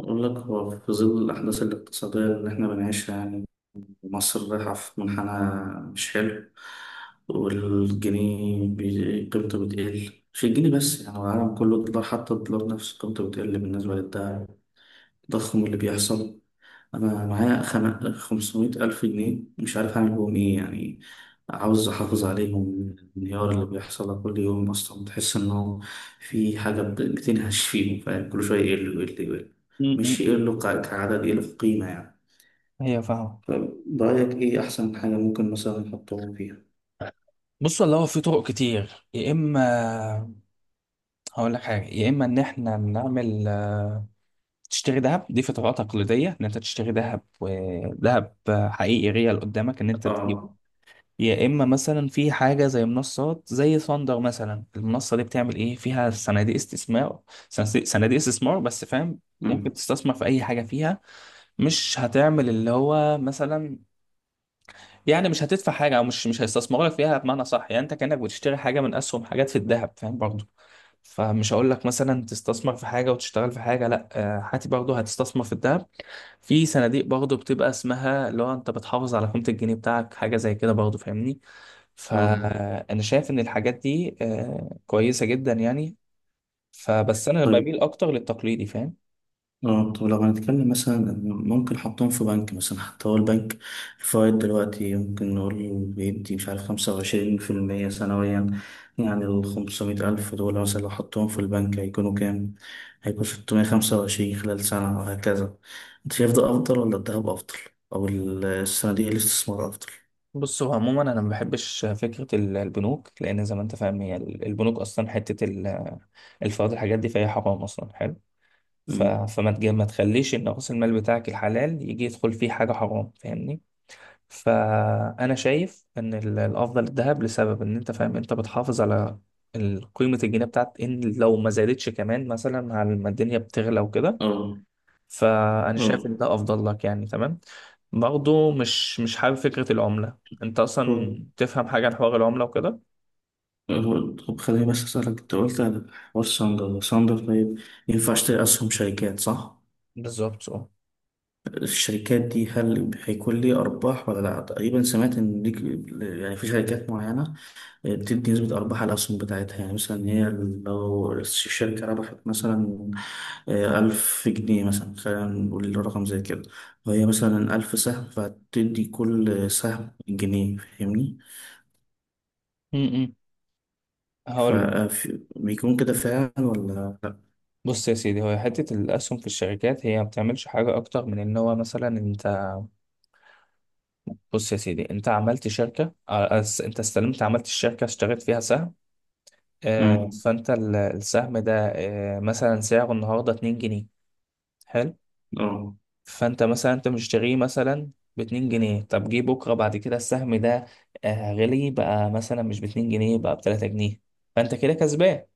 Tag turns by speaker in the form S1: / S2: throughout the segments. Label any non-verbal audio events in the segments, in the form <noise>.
S1: أقول لك، هو في ظل الأحداث الاقتصادية اللي إحنا بنعيشها يعني مصر رايحة في منحنى مش حلو، والجنيه قيمته بتقل، مش الجنيه بس يعني العالم كله، الدولار حتى الدولار نفسه قيمته بتقل بالنسبة للدعم، التضخم اللي بيحصل. أنا معايا 500000 جنيه مش عارف أعمل بهم إيه يعني، عاوز أحافظ عليهم من الانهيار اللي بيحصل ده كل يوم. أصلا بتحس إنه في حاجة بتنهش فيهم، فاهم؟ كل شوية يقل يقل يقل،
S2: م-
S1: مش
S2: م-
S1: يقل كعدد، يقل في قيمة يعني.
S2: هي فاهمة.
S1: فرأيك إيه أحسن حاجة ممكن مثلا نحطهم فيها؟
S2: بص والله، هو في طرق كتير. يا اما هقول لك حاجه يا اما ان احنا نعمل، تشتري ذهب. دي في طريقه تقليديه، ان انت تشتري ذهب، ذهب حقيقي ريال قدامك، ان انت تجيبه.
S1: آه.
S2: يا اما مثلا في حاجه زي منصات زي ثاندر مثلا. المنصه دي بتعمل ايه فيها؟ صناديق استثمار، صناديق استثمار بس، فاهم؟ ممكن
S1: أمم.
S2: تستثمر في اي حاجه فيها. مش هتعمل اللي هو مثلا يعني، مش هتدفع حاجه، او مش هيستثمروا لك فيها بمعنى صح يعني. انت كانك بتشتري حاجه من اسهم، حاجات في الذهب، فاهم برضو؟ فمش هقول لك مثلا تستثمر في حاجه وتشتغل في حاجه، لا هاتي برضو هتستثمر في الذهب، في صناديق برضو بتبقى اسمها اللي هو انت بتحافظ على قيمه الجنيه بتاعك، حاجه زي كده برضو، فاهمني؟
S1: آه.
S2: فانا شايف ان الحاجات دي كويسه جدا يعني. فبس انا
S1: طيب.
S2: بميل اكتر للتقليدي، فاهم؟
S1: اه، طب لو هنتكلم مثلا إن ممكن حطهم في بنك مثلا، حتى هو البنك الفوائد دلوقتي ممكن نقول بيدي مش عارف 25% سنويا يعني. الخمسمية ألف دول مثلا لو حطهم في البنك هيكونوا كام؟ هيكون 625 خلال سنة وهكذا. أنت شايف ده أفضل ولا الذهب أفضل؟ أو الصناديق الاستثمار أفضل؟
S2: بص، هو عموما انا ما بحبش فكره البنوك، لان زي ما انت فاهم، هي البنوك اصلا الفوائد الحاجات دي، فهي حرام اصلا. حلو.
S1: مم.
S2: ما تخليش ان راس المال بتاعك الحلال يجي يدخل فيه حاجه حرام، فاهمني؟ فانا شايف ان الافضل الذهب، لسبب ان انت فاهم، انت بتحافظ على قيمه الجنيه بتاعت، ان لو ما زادتش كمان، مثلا، على ما الدنيا بتغلى وكده.
S1: اه
S2: فانا شايف
S1: اه.
S2: ان ده افضل لك يعني، تمام. برضه مش حابب فكره العمله. انت اصلا
S1: هو-
S2: تفهم حاجه عن حوار العمله وكده؟
S1: طب خليني بس أسألك، أنت قلت على حوار ساندر. طيب، ينفع أشتري أسهم شركات صح؟
S2: بالظبط، اه.
S1: الشركات دي هل هيكون لي أرباح ولا لأ؟ تقريبا سمعت إن ليك يعني في شركات معينة، آه، بتدي نسبة أرباح على الأسهم بتاعتها. يعني مثلا هي لو الشركة ربحت مثلا آه، 1000 جنيه مثلا، خلينا نقول رقم زي كده، وهي مثلا 1000 سهم، فهتدي كل سهم جنيه، فاهمني؟
S2: م-م. هقول لك.
S1: فبيكون كده فعلا ولا لأ؟
S2: بص يا سيدي، هو حته الاسهم في الشركات، هي ما بتعملش حاجه اكتر من ان هو مثلا انت. بص يا سيدي، انت عملت شركه، انت استلمت عملت الشركه، اشتريت فيها سهم.
S1: مم.
S2: فانت السهم ده مثلا سعره النهارده 2 جنيه. حلو.
S1: اه.
S2: فانت مثلا انت مشتريه مثلا باتنين جنيه. طب جه بكره بعد كده السهم ده غلي بقى، مثلا مش باتنين جنيه بقى بتلاتة جنيه. فانت كده كسبان.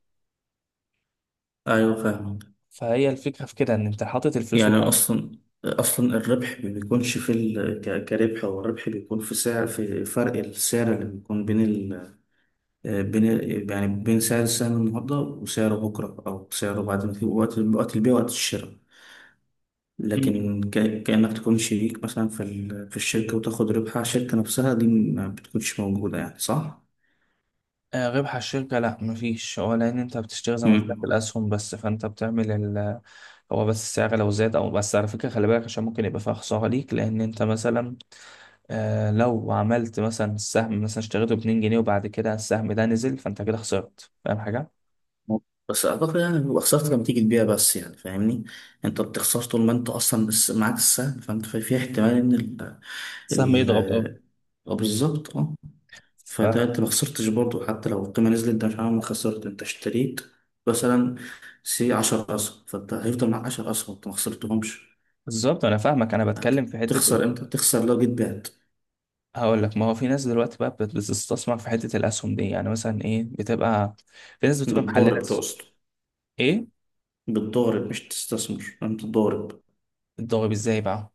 S1: أيوه فاهم.
S2: فهي الفكره في كده، ان انت حاطط الفلوس
S1: يعني
S2: بتاعتك.
S1: اصلا الربح ما بيكونش كربح، هو الربح بيكون في سعر، في فرق السعر اللي بيكون يعني بين سعر السهم النهارده وسعره بكره، او سعره بعد، ما في وقت، وقت البيع، وقت الشراء.
S2: م- م.
S1: لكن كانك تكون شريك مثلا في الشركه وتاخد ربح على الشركه نفسها، دي ما بتكونش موجوده يعني، صح؟
S2: آه، ربح الشركه لا، مفيش. هو لان انت بتشتري زي ما قلت لك
S1: مم.
S2: الاسهم بس، فانت بتعمل ال. هو بس السعر لو زاد او بس. على فكره خلي بالك، عشان ممكن يبقى فيها خساره ليك. لان انت مثلا آه لو عملت مثلا السهم، مثلا اشتريته ب 2 جنيه، وبعد كده السهم ده نزل، فانت كده خسرت، فاهم حاجه؟
S1: بس اعتقد يعني بيبقى خسارتك لما تيجي تبيع بس يعني، فاهمني؟ انت بتخسر طول ما انت اصلا بس معاك السهم، فانت في احتمال ان
S2: سهم يضرب، اه.
S1: ال- اه، بالظبط اه. فده انت ما خسرتش برضه، حتى لو القيمة نزلت انت مش عامل خسرت، انت اشتريت مثلا سي 10 أسهم، فانت هيفضل معاك 10 أسهم، انت ما خسرتهمش.
S2: فبالظبط انا فاهمك. انا بتكلم في حته ال...
S1: هتخسر امتى؟ تخسر لو جيت بعت.
S2: هقول لك، ما هو في ناس دلوقتي بقى بتستثمر في حته الاسهم دي يعني، مثلا ايه، بتبقى في ناس بتبقى محلله
S1: بالضارب تقصد؟
S2: ايه؟
S1: بالضارب مش تستثمر، انت ضارب.
S2: الضرب ازاي بقى؟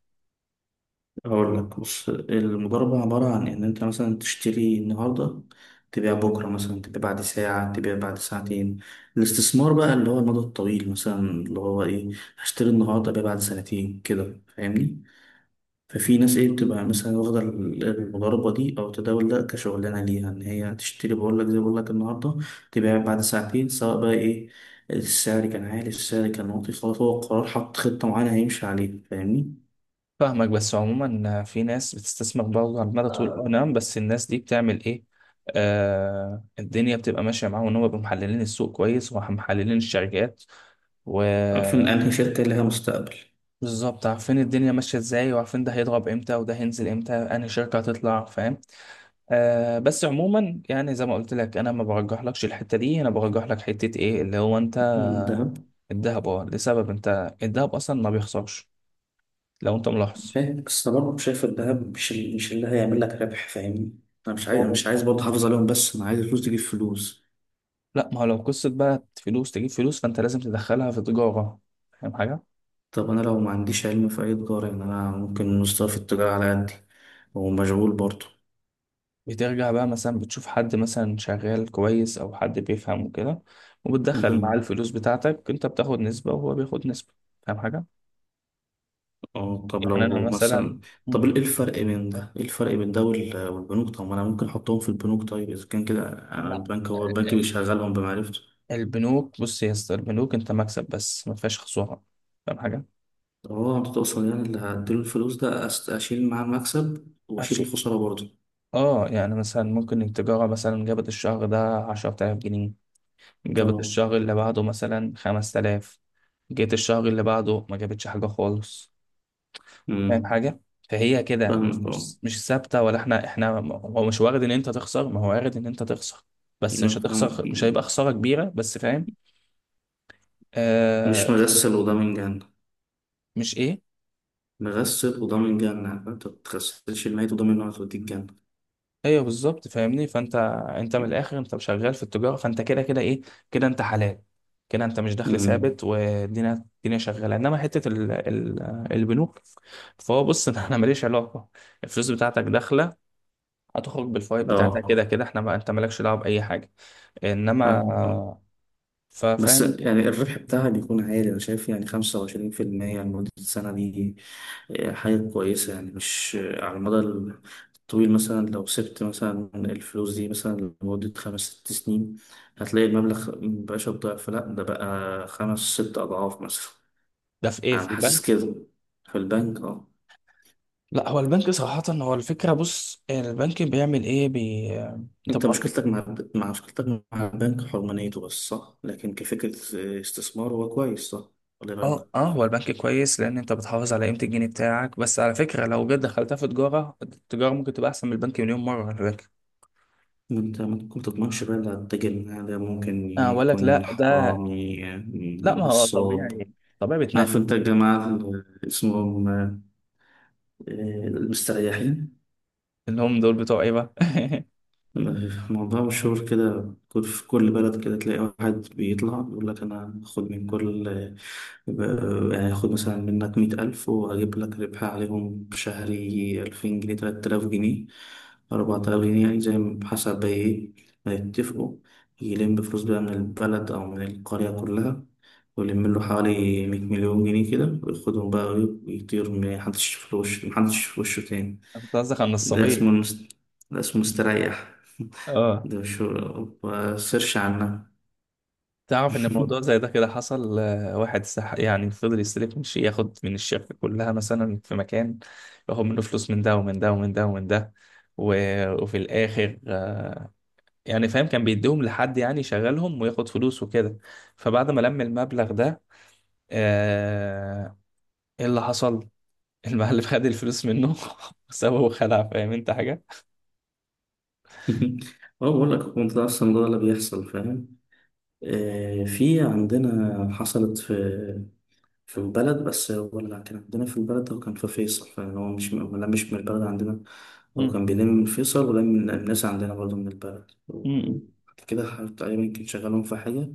S1: هقول لك، بص المضاربة عبارة عن إن أنت مثلا تشتري النهاردة تبيع بكرة، مثلا تبيع بعد ساعة، تبيع بعد ساعتين. الاستثمار بقى اللي هو المدى الطويل مثلا، اللي هو إيه، هشتري النهاردة أبيع بعد سنتين كده، فاهمني. ففي ناس إيه بتبقى مثلا واخدة المضاربة دي أو التداول ده كشغلانة ليها، إن هي تشتري، بقول لك زي ما بقول لك، النهاردة تبيع بعد ساعتين، سواء بقى إيه، السعر كان عالي السعر كان واطي، خلاص، هو القرار، حط خطة معينة هيمشي عليها، فاهمني.
S2: فاهمك، بس عموما في ناس بتستثمر برضه على المدى طول، اه، نعم. بس الناس دي بتعمل ايه؟ الدنيا بتبقى ماشيه معاهم، ان هم بيبقوا محللين السوق كويس ومحللين الشركات،
S1: عارفين
S2: وبالظبط.
S1: أنهي شركة لها مستقبل.
S2: عارفين الدنيا ماشيه ازاي، وعارفين ده هيضرب امتى وده هينزل امتى، انهي شركه هتطلع، فاهم؟ آه. بس عموما يعني زي ما قلت لك، انا ما برجحلكش الحته دي، انا برجح لك حته ايه اللي هو انت.
S1: الذهب.
S2: الذهب، اه، لسبب انت الذهب اصلا ما بيخسرش لو انت ملاحظ.
S1: فاهم، بس انا برضه شايف الذهب مش اللي هيعمل لك ربح، فاهمني. انا مش عايز
S2: هو
S1: أنا
S2: بي-
S1: مش عايز برضه احافظ عليهم بس، انا عايز الفلوس تجيب فلوس.
S2: لا، ما هو لو قصه بقى فلوس تجيب فلوس، فانت لازم تدخلها في تجاره، فاهم حاجه؟
S1: طب انا لو ما عنديش علم في اي تجاره يعني، انا ممكن مستوى في التجاره على قدي، ومشغول برضه.
S2: بترجع بقى مثلا بتشوف حد مثلا شغال كويس، او حد بيفهم وكده، وبتدخل معاه
S1: أمم.
S2: الفلوس بتاعتك. انت بتاخد نسبه وهو بياخد نسبه، فاهم حاجه؟
S1: اه. طب
S2: يعني انا
S1: لو
S2: مثلا.
S1: مثلا طب
S2: مم.
S1: ايه الفرق بين ده، والبنوك؟ طب ما انا ممكن احطهم في البنوك، طيب اذا كان كده انا
S2: لا،
S1: البنك هو البنك بيشغلهم بمعرفته.
S2: البنوك بص يا اسطى، البنوك انت مكسب بس، ما فيهاش خسارة، فاهم حاجة؟
S1: طب هو انت تقصد يعني اللي هديله الفلوس ده، اشيل معاه المكسب واشيل
S2: عشان،
S1: الخساره برضه؟
S2: اه، يعني مثلا ممكن التجارة مثلا جابت الشهر ده عشرة آلاف جنيه، جابت
S1: اه.
S2: الشهر اللي بعده مثلا خمس تلاف، جيت الشهر اللي بعده ما جابتش حاجة خالص، فاهم
S1: مم.
S2: حاجة؟ فهي كده
S1: فاهمك اه.
S2: مش ثابتة. ولا احنا هو مش وارد ان انت تخسر، ما هو وارد ان انت تخسر، بس مش
S1: أنا فاهم.
S2: هتخسر، مش هيبقى خسارة كبيرة، بس فاهم؟ آه.
S1: مش مغسل وده من جنة.
S2: مش ايه؟
S1: مغسل وده من جنة، فأنت ما بتغسلش الميت وده منه هتوديك جنة.
S2: ايوه بالظبط، فاهمني؟ فانت انت من الاخر انت شغال في التجاره، فانت كده كده ايه، كده انت حلال، كده انت مش دخل
S1: مم.
S2: ثابت، والدنيا الدنيا شغاله. انما حته ال... ال... البنوك، فهو بص <laughs> انا ماليش علاقه، الفلوس بتاعتك داخله، هتخرج بالفوائد بتاعتك، كده
S1: اه
S2: كده احنا، ما انت مالكش دعوه باي حاجه. انما
S1: فاهم اه. بس
S2: فاهم انت.
S1: يعني الربح بتاعها بيكون عالي، أنا شايف يعني 25% لمدة سنة دي آه، حاجة كويسة يعني، مش آه، على المدى الطويل، مثلا لو سبت مثلا الفلوس دي مثلا لمدة خمس ست سنين هتلاقي المبلغ مبقاش الضعف، لأ ده بقى خمس ست أضعاف مثلا.
S2: ده في ايه
S1: انا
S2: في
S1: حاسس
S2: البنك؟
S1: كده. في البنك اه.
S2: لا، هو البنك صراحه، هو الفكره بص، البنك بيعمل ايه انت
S1: انت
S2: بتروح.
S1: مشكلتك مع مشكلتك مع البنك حرمانيته بس، صح. لكن كفكرة استثمار هو كويس، صح ولا إيه
S2: اه،
S1: رايك؟
S2: اه، هو البنك كويس لان انت بتحافظ على قيمه الجنيه بتاعك، بس على فكره لو جد دخلتها في تجاره، التجاره ممكن تبقى احسن من البنك مليون مره، على فكره.
S1: انت ممكن تضمنش بقى اللي هتتاجر معاه ده، ممكن
S2: اه اقول لك،
S1: يكون
S2: لا ده،
S1: حرامي آه،
S2: لا، ما هو
S1: نصاب.
S2: طبيعي، طبيعي بتنقل.
S1: عارف انت الجماعة اللي اسمهم آه، المستريحين؟
S2: اللي هم دول بتوع ايه بقى؟ <laughs>
S1: موضوع مشهور كده، في كل بلد كده تلاقي واحد بيطلع يقول لك، انا هاخد من كل يعني هاخد مثلا منك 100000 وأجيب لك ربح عليهم شهري، 2000 جنيه، 3000 جنيه، 4000 جنيه، يعني زي ما- حسب إيه ما يتفقوا. يلم فلوس بقى من البلد أو من القرية كلها، ويلم له حوالي 100 مليون جنيه كده، وياخدهم بقى ويطير، محدش يشوف له وشه، محدش يشوف وشه تاني.
S2: انت قصدك على
S1: ده اسمه
S2: النصابين.
S1: المست... ده اسمه مستريح. <laughs>
S2: اه.
S1: ده مش هو- سيرش عنها.
S2: تعرف ان الموضوع زي ده
S1: <laughs>
S2: كده حصل. واحد سح يعني، فضل يستلف من شيء، ياخد من الشركه كلها مثلا في مكان، ياخد منه فلوس، من ده ومن ده ومن ده ومن ده، و... وفي الاخر، يعني فاهم كان بيديهم لحد يعني يشغلهم وياخد فلوس وكده. فبعد ما لم المبلغ ده، آه، ايه اللي حصل؟ <laughs> المقلب خد الفلوس منه <laughs> وسابه وخلع، فاهم انت حاجة؟
S1: اه، بقول لك هو ده اصلا ده اللي بيحصل، فاهم. آه، في عندنا حصلت في البلد، بس هو اللي كان عندنا في البلد هو كان في فيصل، فهو مش م- لا مش من البلد عندنا. هو
S2: مم.
S1: كان بيلم من فيصل ولم من الناس عندنا برضه من البلد،
S2: م-م.
S1: وبعد كده تقريبا كان شغالهم في حاجة،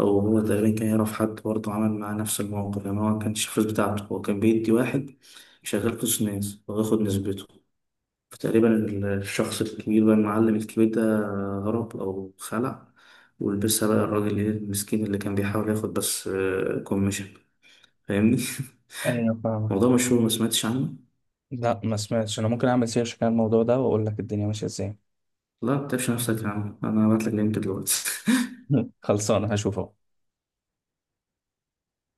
S1: أو هو تقريبا كان يعرف حد برضه عمل معاه نفس الموقف، يعني هو ما كانش الفلوس بتاعته، هو كان بيدي واحد شغال فلوس ناس وياخد نسبته. فتقريبا الشخص الكبير بقى، المعلم الكبير ده، هرب أو خلع، ولبسها بقى الراجل إيه المسكين اللي كان بيحاول ياخد بس كوميشن، فاهمني؟ <laughs>
S2: ايوه فاهمة.
S1: موضوع مشهور، ما سمعتش عنه؟
S2: لا ما سمعتش. انا ممكن اعمل سيرش كده على الموضوع ده واقول لك الدنيا ماشية ازاي.
S1: لا ما تتعبش نفسك يا عم، أنا هبعتلك لينك دلوقتي. <laughs>
S2: <laughs> خلصانة، هشوف اهو.